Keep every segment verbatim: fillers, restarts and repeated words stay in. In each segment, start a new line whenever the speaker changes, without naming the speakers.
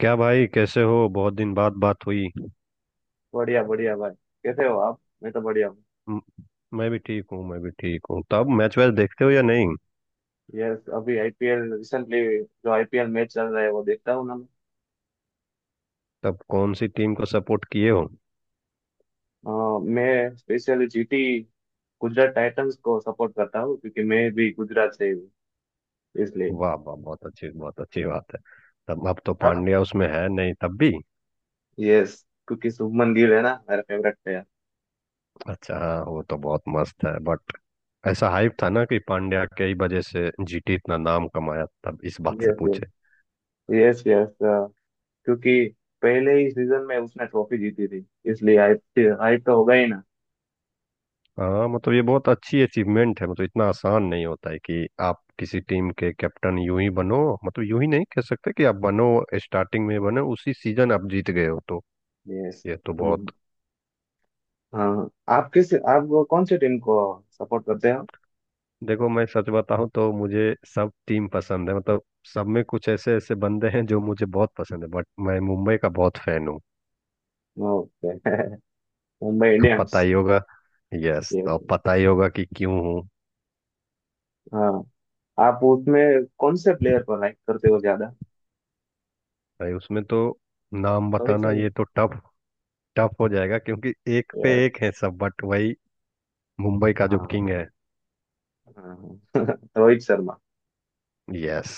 क्या भाई, कैसे हो? बहुत दिन बाद बात हुई।
बढ़िया बढ़िया भाई। कैसे हो आप? मैं तो बढ़िया हूँ।
म- मैं भी ठीक हूँ, मैं भी ठीक हूँ। तब मैच वैच देखते हो या नहीं?
यस, अभी आईपीएल, रिसेंटली जो आईपीएल मैच चल रहा है वो देखता हूँ ना मैं।
तब कौन सी टीम को सपोर्ट किए हो?
अ, मैं स्पेशली जीटी, गुजरात टाइटंस को सपोर्ट करता हूँ क्योंकि मैं भी गुजरात से ही हूँ, इसलिए।
वाह वाह, बहुत अच्छी बहुत अच्छी बात है। तब अब तो
आप
पांड्या उसमें है नहीं, तब भी।
यस। क्योंकि शुभमन गिल है ना, मेरा फेवरेट प्लेयर।
अच्छा, हाँ वो तो बहुत मस्त है। बट ऐसा हाइप था ना कि पांड्या के ही वजह से जी टी इतना नाम कमाया, तब इस बात से
यस
पूछे।
यस। Yes yes. क्योंकि पहले ही सीजन में उसने ट्रॉफी जीती थी, इसलिए हाइप हाइप तो होगा ही ना।
हाँ मतलब ये बहुत अच्छी अचीवमेंट है। मतलब इतना आसान नहीं होता है कि आप किसी टीम के कैप्टन यूं ही बनो। मतलब यूं ही नहीं कह सकते कि आप बनो। स्टार्टिंग में बनो, उसी सीजन आप जीत गए हो तो।
यस।
ये तो बहुत।
हम्म। हाँ। आप किस आप वो कौन से टीम को सपोर्ट करते हो?
देखो, मैं सच बताऊं तो मुझे सब टीम पसंद है। मतलब सब में कुछ ऐसे ऐसे बंदे हैं जो मुझे बहुत पसंद है। बट मैं मुंबई का बहुत फैन हूँ।
ओके। मुंबई
पता
इंडियंस।
ही होगा। यस,
ये
तो अब
तो।
पता ही होगा कि क्यों हूँ।
हाँ, आप उसमें कौन से प्लेयर को लाइक करते हो ज्यादा?
भाई उसमें तो नाम
रोहित
बताना,
शर्मा।
ये तो टफ। टफ हो जाएगा क्योंकि एक पे
यार।
एक है सब। बट वही मुंबई का जो
हाँ
किंग है।
हाँ हाँ। रोहित शर्मा।
यस।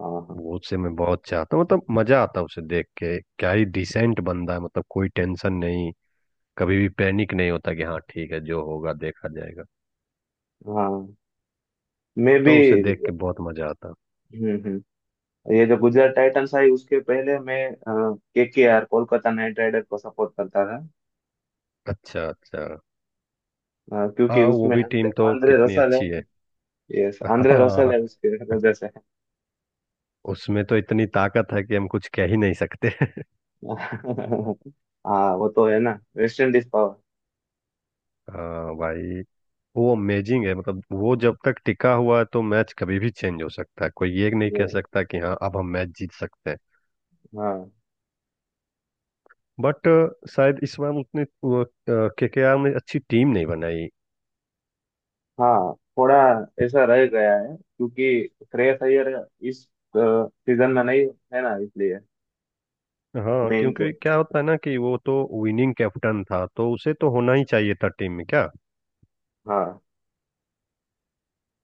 हाँ हाँ
वो, उसे मैं बहुत चाहता हूँ। मतलब मजा आता है उसे देख के, क्या ही डिसेंट बंदा है। मतलब कोई टेंशन नहीं। कभी भी पैनिक नहीं होता कि हाँ ठीक है, जो होगा देखा जाएगा।
हाँ। मैं भी।
तो उसे देख के बहुत मजा आता है।
हम्म हम्म। ये जो गुजरात टाइटंस आई, उसके पहले मैं K K R, Kolkata Knight Rider को सपोर्ट करता था।
अच्छा, अच्छा।
अ, क्योंकि
हाँ वो
उसमें
भी
आंद्रे
टीम तो
आंद्रे
कितनी
रसल है।
अच्छी है।
यस, आंद्रे रसल है
हाँ
उसके वजह से।
उसमें तो इतनी ताकत है कि हम कुछ कह ही नहीं सकते।
हाँ वो तो है ना, वेस्ट इंडीज पावर।
हाँ भाई, वो अमेजिंग है। मतलब वो जब तक टिका हुआ है तो मैच कभी भी चेंज हो सकता है, कोई ये नहीं कह सकता कि हाँ अब हम मैच जीत सकते हैं।
ये,
बट शायद इस बार उतने के के आर ने अच्छी टीम नहीं बनाई।
हाँ थोड़ा ऐसा रह गया है क्योंकि श्रेयस अय्यर इस सीजन में नहीं है ना, इसलिए।
हाँ
मेन तो।
क्योंकि क्या होता है ना कि वो तो विनिंग कैप्टन था, तो उसे तो होना ही चाहिए था टीम में क्या।
हाँ।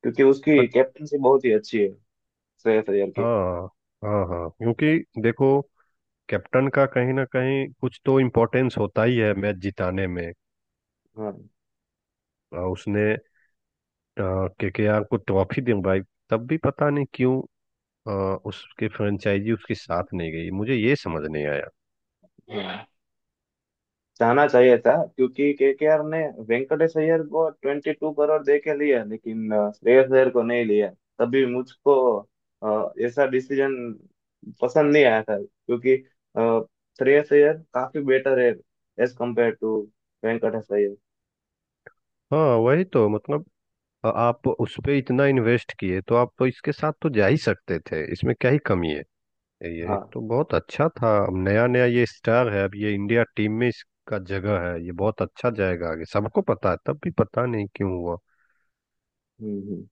क्योंकि उसकी
बट
कैप्टनसी बहुत ही अच्छी है, श्रेयस अय्यर की।
हाँ हाँ हाँ, क्योंकि देखो, कैप्टन का कहीं ना कहीं कुछ तो इम्पोर्टेंस होता ही है मैच जिताने में।
हाँ।
अ, उसने के के आर को ट्रॉफी दिलवाई, तब भी पता नहीं क्यों अ, उसके फ्रेंचाइजी उसके साथ नहीं गई, मुझे ये समझ नहीं आया।
हाँ। जाना चाहिए था क्योंकि केकेआर ने वेंकटेश अय्यर को ट्वेंटी टू करोड़ दे के लिया, लेकिन अ, श्रेयस अय्यर को नहीं लिया। तभी मुझको अ, ऐसा डिसीजन पसंद नहीं आया था क्योंकि अ, श्रेयस अय्यर काफी बेटर है, as compare to Venkatesh Iyer.
हाँ वही तो, मतलब अ, आप उस पे इतना इन्वेस्ट किए तो आप तो इसके साथ तो जा ही सकते थे, इसमें क्या ही कमी है। ये
हाँ।
एक तो बहुत अच्छा था। अब नया नया ये स्टार है, अब ये इंडिया टीम में इसका जगह है, ये बहुत अच्छा जाएगा आगे, सबको पता है। तब भी पता नहीं क्यों हुआ।
हम्म हम्म।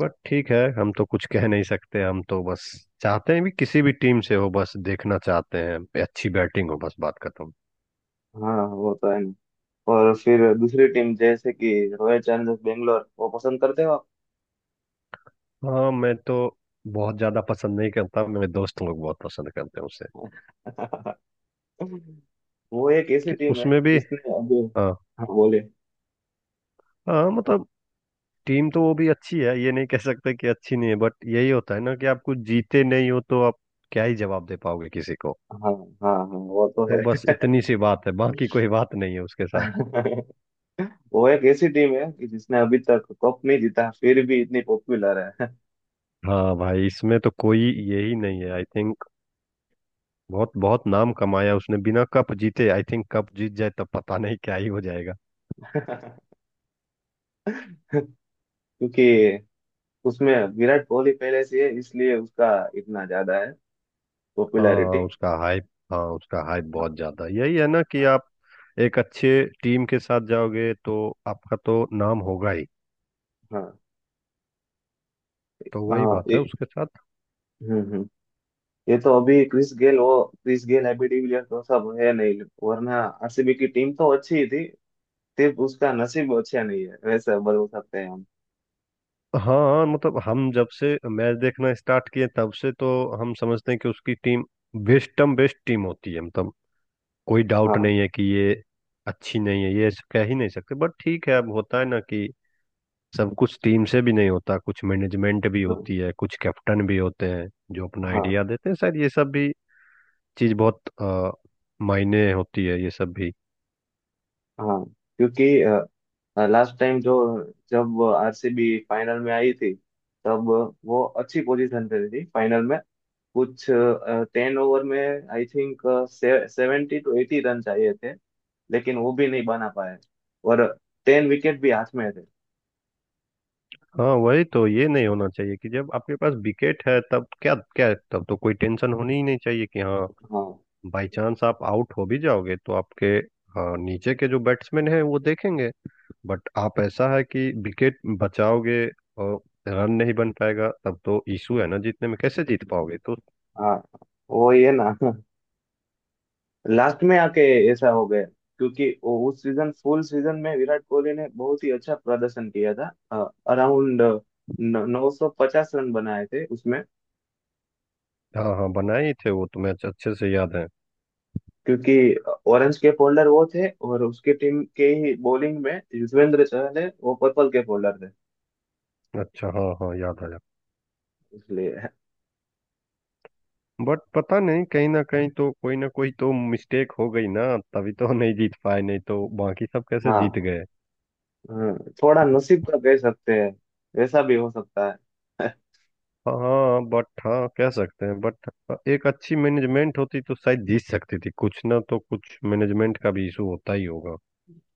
बट ठीक है, हम तो कुछ कह नहीं सकते। हम तो बस चाहते हैं, भी किसी भी टीम से हो बस देखना चाहते हैं, अच्छी बैटिंग हो, बस बात खत्म।
हाँ वो तो है ना। और फिर दूसरी टीम जैसे कि रॉयल चैलेंजर्स बेंगलोर, वो पसंद करते हो
हाँ मैं तो बहुत ज्यादा पसंद नहीं करता, मेरे दोस्त लोग बहुत पसंद करते हैं उसे।
आप? वो एक ऐसी
कि
टीम है
उसमें भी।
जिसने अभी।
हाँ
हाँ बोले।
हाँ, मतलब टीम तो वो भी अच्छी है, ये नहीं कह सकते कि अच्छी नहीं है। बट यही होता है ना कि आप कुछ जीते नहीं हो तो आप क्या ही जवाब दे पाओगे किसी को।
हाँ हाँ हाँ, वो तो
तो
है।
बस इतनी सी बात है, बाकी कोई बात नहीं है उसके साथ।
वो एक ऐसी टीम है कि जिसने अभी तक कप नहीं जीता, फिर भी इतनी पॉपुलर है।
हाँ भाई इसमें तो कोई यही नहीं है, आई थिंक। बहुत बहुत नाम कमाया उसने बिना कप जीते, आई थिंक कप जीत जाए तब पता नहीं क्या ही हो जाएगा।
क्योंकि उसमें विराट कोहली पहले से है, इसलिए उसका इतना ज्यादा है,
हाँ
पॉपुलैरिटी।
उसका हाइप, हाँ उसका हाइप
हाँ।
बहुत ज्यादा। यही है ना कि आप एक अच्छे टीम के साथ जाओगे तो आपका तो नाम होगा ही।
हाँ।
तो
हाँ।
वही
हाँ,
बात है
ए-
उसके साथ।
हम्म ये तो अभी क्रिस गेल, वो क्रिस गेल हैबी डिविलियर तो सब है नहीं, वरना आरसीबी की टीम तो अच्छी ही थी। सिर्फ उसका नसीब अच्छा नहीं है, वैसे बोल सकते हैं हम।
हाँ मतलब हम जब से मैच देखना स्टार्ट किए तब से तो हम समझते हैं कि उसकी टीम बेस्टम बेस्ट टीम होती है। मतलब कोई डाउट
हाँ।
नहीं है कि ये अच्छी नहीं है, ये ऐसे कह ही नहीं सकते। बट ठीक है, अब होता है ना कि सब कुछ टीम से भी नहीं होता, कुछ मैनेजमेंट भी
हाँ।
होती है, कुछ कैप्टन भी होते हैं जो अपना आइडिया
हाँ।
देते हैं। शायद ये सब भी चीज़ बहुत अ, मायने होती है, ये सब भी।
हाँ। क्योंकि लास्ट टाइम जो जब आरसीबी फाइनल में आई थी, तब वो अच्छी पोजीशन पे थी फाइनल में। कुछ टेन ओवर में, I think, seventy two eighty run चाहिए थे, लेकिन वो भी नहीं बना पाए, और टेन विकेट भी हाथ में थे।
हाँ वही तो, ये नहीं होना चाहिए कि जब आपके पास विकेट है तब क्या क्या, तब तो कोई टेंशन होनी ही नहीं चाहिए कि हाँ
हाँ।
बाई चांस आप आउट हो भी जाओगे तो आपके। हाँ, नीचे के जो बैट्समैन हैं वो देखेंगे। बट आप ऐसा है कि विकेट बचाओगे और रन नहीं बन पाएगा, तब तो इशू है ना, जीतने में कैसे जीत पाओगे तो।
हाँ। वो ये ना, लास्ट में आके ऐसा हो गया क्योंकि वो- उस सीजन, फुल सीजन में विराट कोहली ने बहुत ही अच्छा प्रदर्शन किया था, अराउंड नौ सौ पचास रन बनाए थे उसमें।
हाँ हाँ, बनाए ही थे, वो तो मैच अच्छे से याद है।
क्योंकि ऑरेंज के फोल्डर वो थे, और उसके टीम के ही बॉलिंग में युजवेंद्र चहल है, वो पर्पल के फोल्डर थे,
अच्छा हाँ हाँ, याद आया।
इसलिए।
बट पता नहीं, कहीं ना कहीं तो कोई ना कोई तो मिस्टेक हो गई ना, तभी तो नहीं जीत पाए, नहीं तो बाकी सब कैसे
हाँ।
जीत गए।
हाँ, थोड़ा नसीब का कह सकते हैं, वैसा भी हो सकता है।
हाँ बट हाँ कह सकते हैं। बट एक अच्छी मैनेजमेंट होती तो शायद जीत सकती थी। कुछ ना तो कुछ मैनेजमेंट का भी इशू होता ही होगा,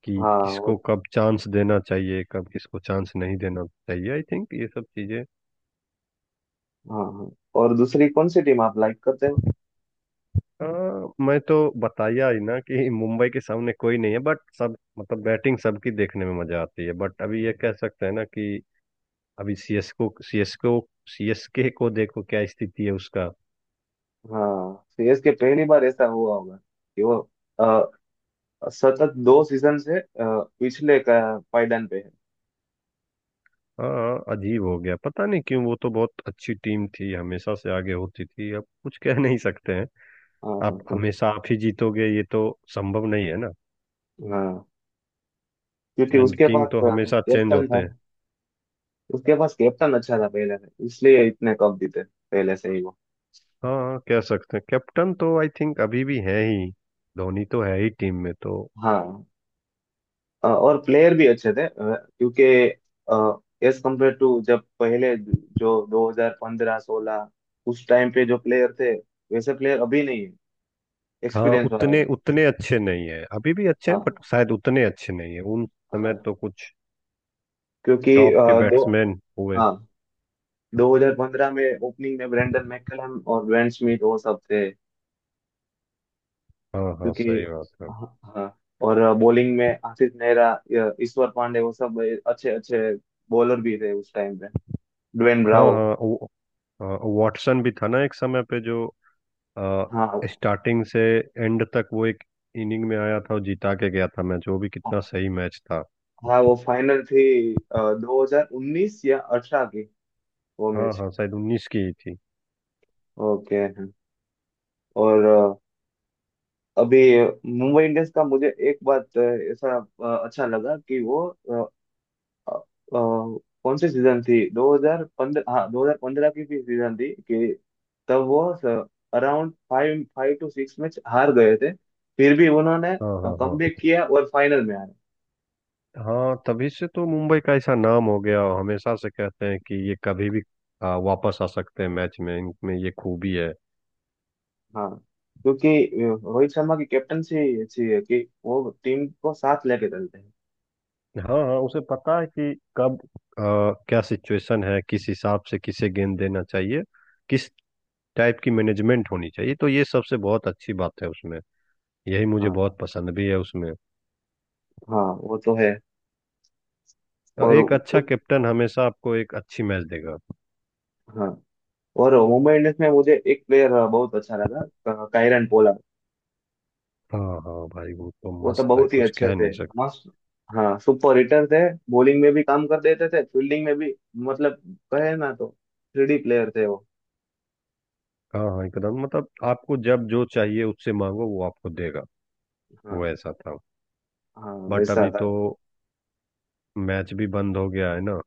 कि
हाँ
किसको
और।
कब चांस देना चाहिए, कब किसको चांस नहीं देना चाहिए, आई थिंक ये सब चीजें।
हाँ हाँ। और दूसरी कौन सी टीम आप लाइक करते हो?
हाँ मैं तो बताया ही ना कि मुंबई के सामने कोई नहीं है। बट सब मतलब बैटिंग सबकी देखने में मजा आती है। बट अभी ये कह सकते हैं ना कि अभी सीएसको सीएसको सी एस के को देखो क्या स्थिति है उसका।
हाँ, सीएसके पहली बार ऐसा हुआ होगा कि वो अ, सतत दो सीजन से अ, पिछले का पायदान पे है।
हाँ अजीब हो गया, पता नहीं क्यों, वो तो बहुत अच्छी टीम थी, हमेशा से आगे होती थी, अब कुछ कह नहीं सकते हैं।
हाँ हाँ
आप
हाँ।
हमेशा आप ही जीतोगे ये तो संभव नहीं है ना।
हाँ। क्योंकि
एंड
उसके
किंग
पास
तो हमेशा चेंज
कैप्टन
होते
था,
हैं।
उसके पास कैप्टन अच्छा था पहले से, इसलिए इतने कप जीते पहले से ही वो।
हाँ कह सकते हैं, कैप्टन तो आई थिंक अभी भी है ही, धोनी तो है ही टीम में तो।
हाँ। अ, और प्लेयर भी अच्छे थे, अ, क्योंकि एज कम्पेयर टू जब पहले जो दो हज़ार पंद्रह सोलह उस टाइम पे जो प्लेयर थे, वैसे प्लेयर अभी नहीं है,
हाँ
एक्सपीरियंस वाले
उतने
हैं।
उतने अच्छे नहीं है, अभी भी अच्छे हैं
हाँ।
बट शायद उतने अच्छे नहीं है। उन समय
हाँ।
तो कुछ
क्योंकि अ,
टॉप के
दो।
बैट्समैन हुए।
हाँ, दो हज़ार पंद्रह में ओपनिंग में ब्रेंडन मैकलम और वेन स्मिथ वो सब थे।
हाँ हाँ,
क्योंकि।
सही बात है।
हाँ हाँ, और बॉलिंग में आशीष नेहरा, अ, ईश्वर पांडे वो सब अच्छे अच्छे बॉलर भी थे उस टाइम पे, ड्वेन
हाँ
ब्रावो।
हाँ वो- हाँ, वाटसन भी था ना एक समय पे, जो
हाँ।
स्टार्टिंग से एंड तक वो एक इनिंग में आया था और जिता के गया था मैच, वो भी कितना सही मैच था।
हाँ, वो फाइनल थी, दो हजार उन्नीस या अठारह की, वो
हाँ
मैच।
हाँ, शायद उन्नीस की ही थी।
ओके हाँ। और अ, अभी मुंबई इंडियंस का मुझे एक बात अ, ऐसा अ, अच्छा लगा कि वो अ, अ, कौन सी सीजन थी, दो हज़ार पंद्रह, हाँ दो हज़ार पंद्रह की भी सीजन थी कि तब वो around five five to six match हार गए थे, फिर भी उन्होंने
हाँ हाँ हाँ।
कमबैक किया और फाइनल में आए।
हाँ तभी से तो मुंबई का ऐसा नाम हो गया, और हमेशा से कहते हैं कि ये कभी भी आ, वापस आ सकते हैं मैच में, इनमें ये खूबी है।
हाँ। क्योंकि अ, रोहित शर्मा की कैप्टनसी अच्छी है, कि वो टीम को साथ लेके चलते हैं।
हाँ हाँ, उसे पता है कि कब आ, क्या सिचुएशन है, किस हिसाब से किसे गेंद देना चाहिए, किस टाइप की मैनेजमेंट होनी चाहिए। तो ये सबसे बहुत अच्छी बात है उसमें, यही मुझे
हाँ।
बहुत पसंद भी है उसमें।
हाँ वो तो है।
और
और
एक अच्छा
उ,
कैप्टन हमेशा आपको एक अच्छी मैच देगा।
हाँ, और मुंबई इंडियंस में मुझे एक प्लेयर बहुत अच्छा लगा, कायरन पोला।
हाँ हाँ भाई, वो तो
वो तो
मस्त है,
बहुत ही
कुछ
अच्छे
कह
थे,
नहीं सकते।
मस्त। हाँ, सुपर हिटर थे, बॉलिंग में भी काम कर देते थे, फील्डिंग में भी, मतलब कहे ना तो थ्री प्लेयर थे वो।
हाँ हाँ, एकदम, मतलब आपको जब जो चाहिए उससे मांगो वो आपको देगा। वो
हाँ।
ऐसा था।
हाँ
बट
वैसा
अभी
था।
तो मैच भी बंद हो गया है ना।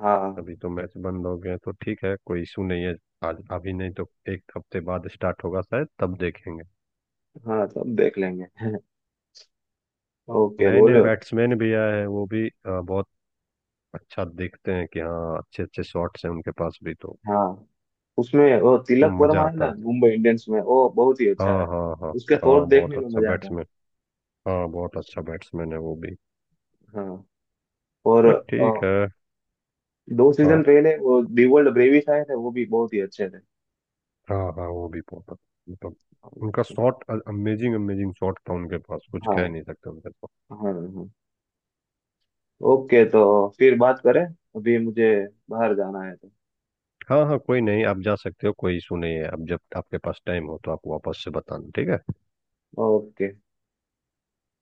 हाँ
अभी तो मैच बंद हो गया है, तो ठीक है, कोई इशू नहीं है। आज अभी नहीं तो एक हफ्ते बाद स्टार्ट होगा, शायद तब देखेंगे।
हाँ, तो अब देख लेंगे। ओके
नए नए
बोलो।
बैट्समैन भी आए हैं, वो भी अ, बहुत अच्छा दिखते हैं कि हाँ अच्छे अच्छे शॉट्स हैं उनके पास भी तो,
हाँ, उसमें वो
तो
तिलक
मजा
वर्मा है
आता
ना
है।
मुंबई इंडियंस में, वो बहुत ही अच्छा
हाँ
है।
हाँ हाँ।
उसके
हाँ
शॉट
बहुत
देखने में
अच्छा
मजा आता है।
बैट्समैन। हाँ बहुत अच्छा बैट्समैन है वो भी।
हाँ और
बट
अ,
ठीक है।
दो
हाँ
सीजन पहले वो दी वर्ल्ड ब्रेवी आए थे, वो भी बहुत ही अच्छे थे।
हाँ हाँ, वो भी बहुत अच्छा। मतलब उनका शॉट अमेजिंग अमेजिंग शॉट था उनके पास, कुछ
हाँ
कह नहीं सकते उनके पास।
हाँ हाँ। ओके, तो फिर बात करें, अभी मुझे बाहर जाना है तो।
हाँ हाँ, कोई नहीं, आप जा सकते हो, कोई इशू नहीं है। आप जब आपके पास टाइम हो तो आप वापस से बताना, ठीक है।
ओके।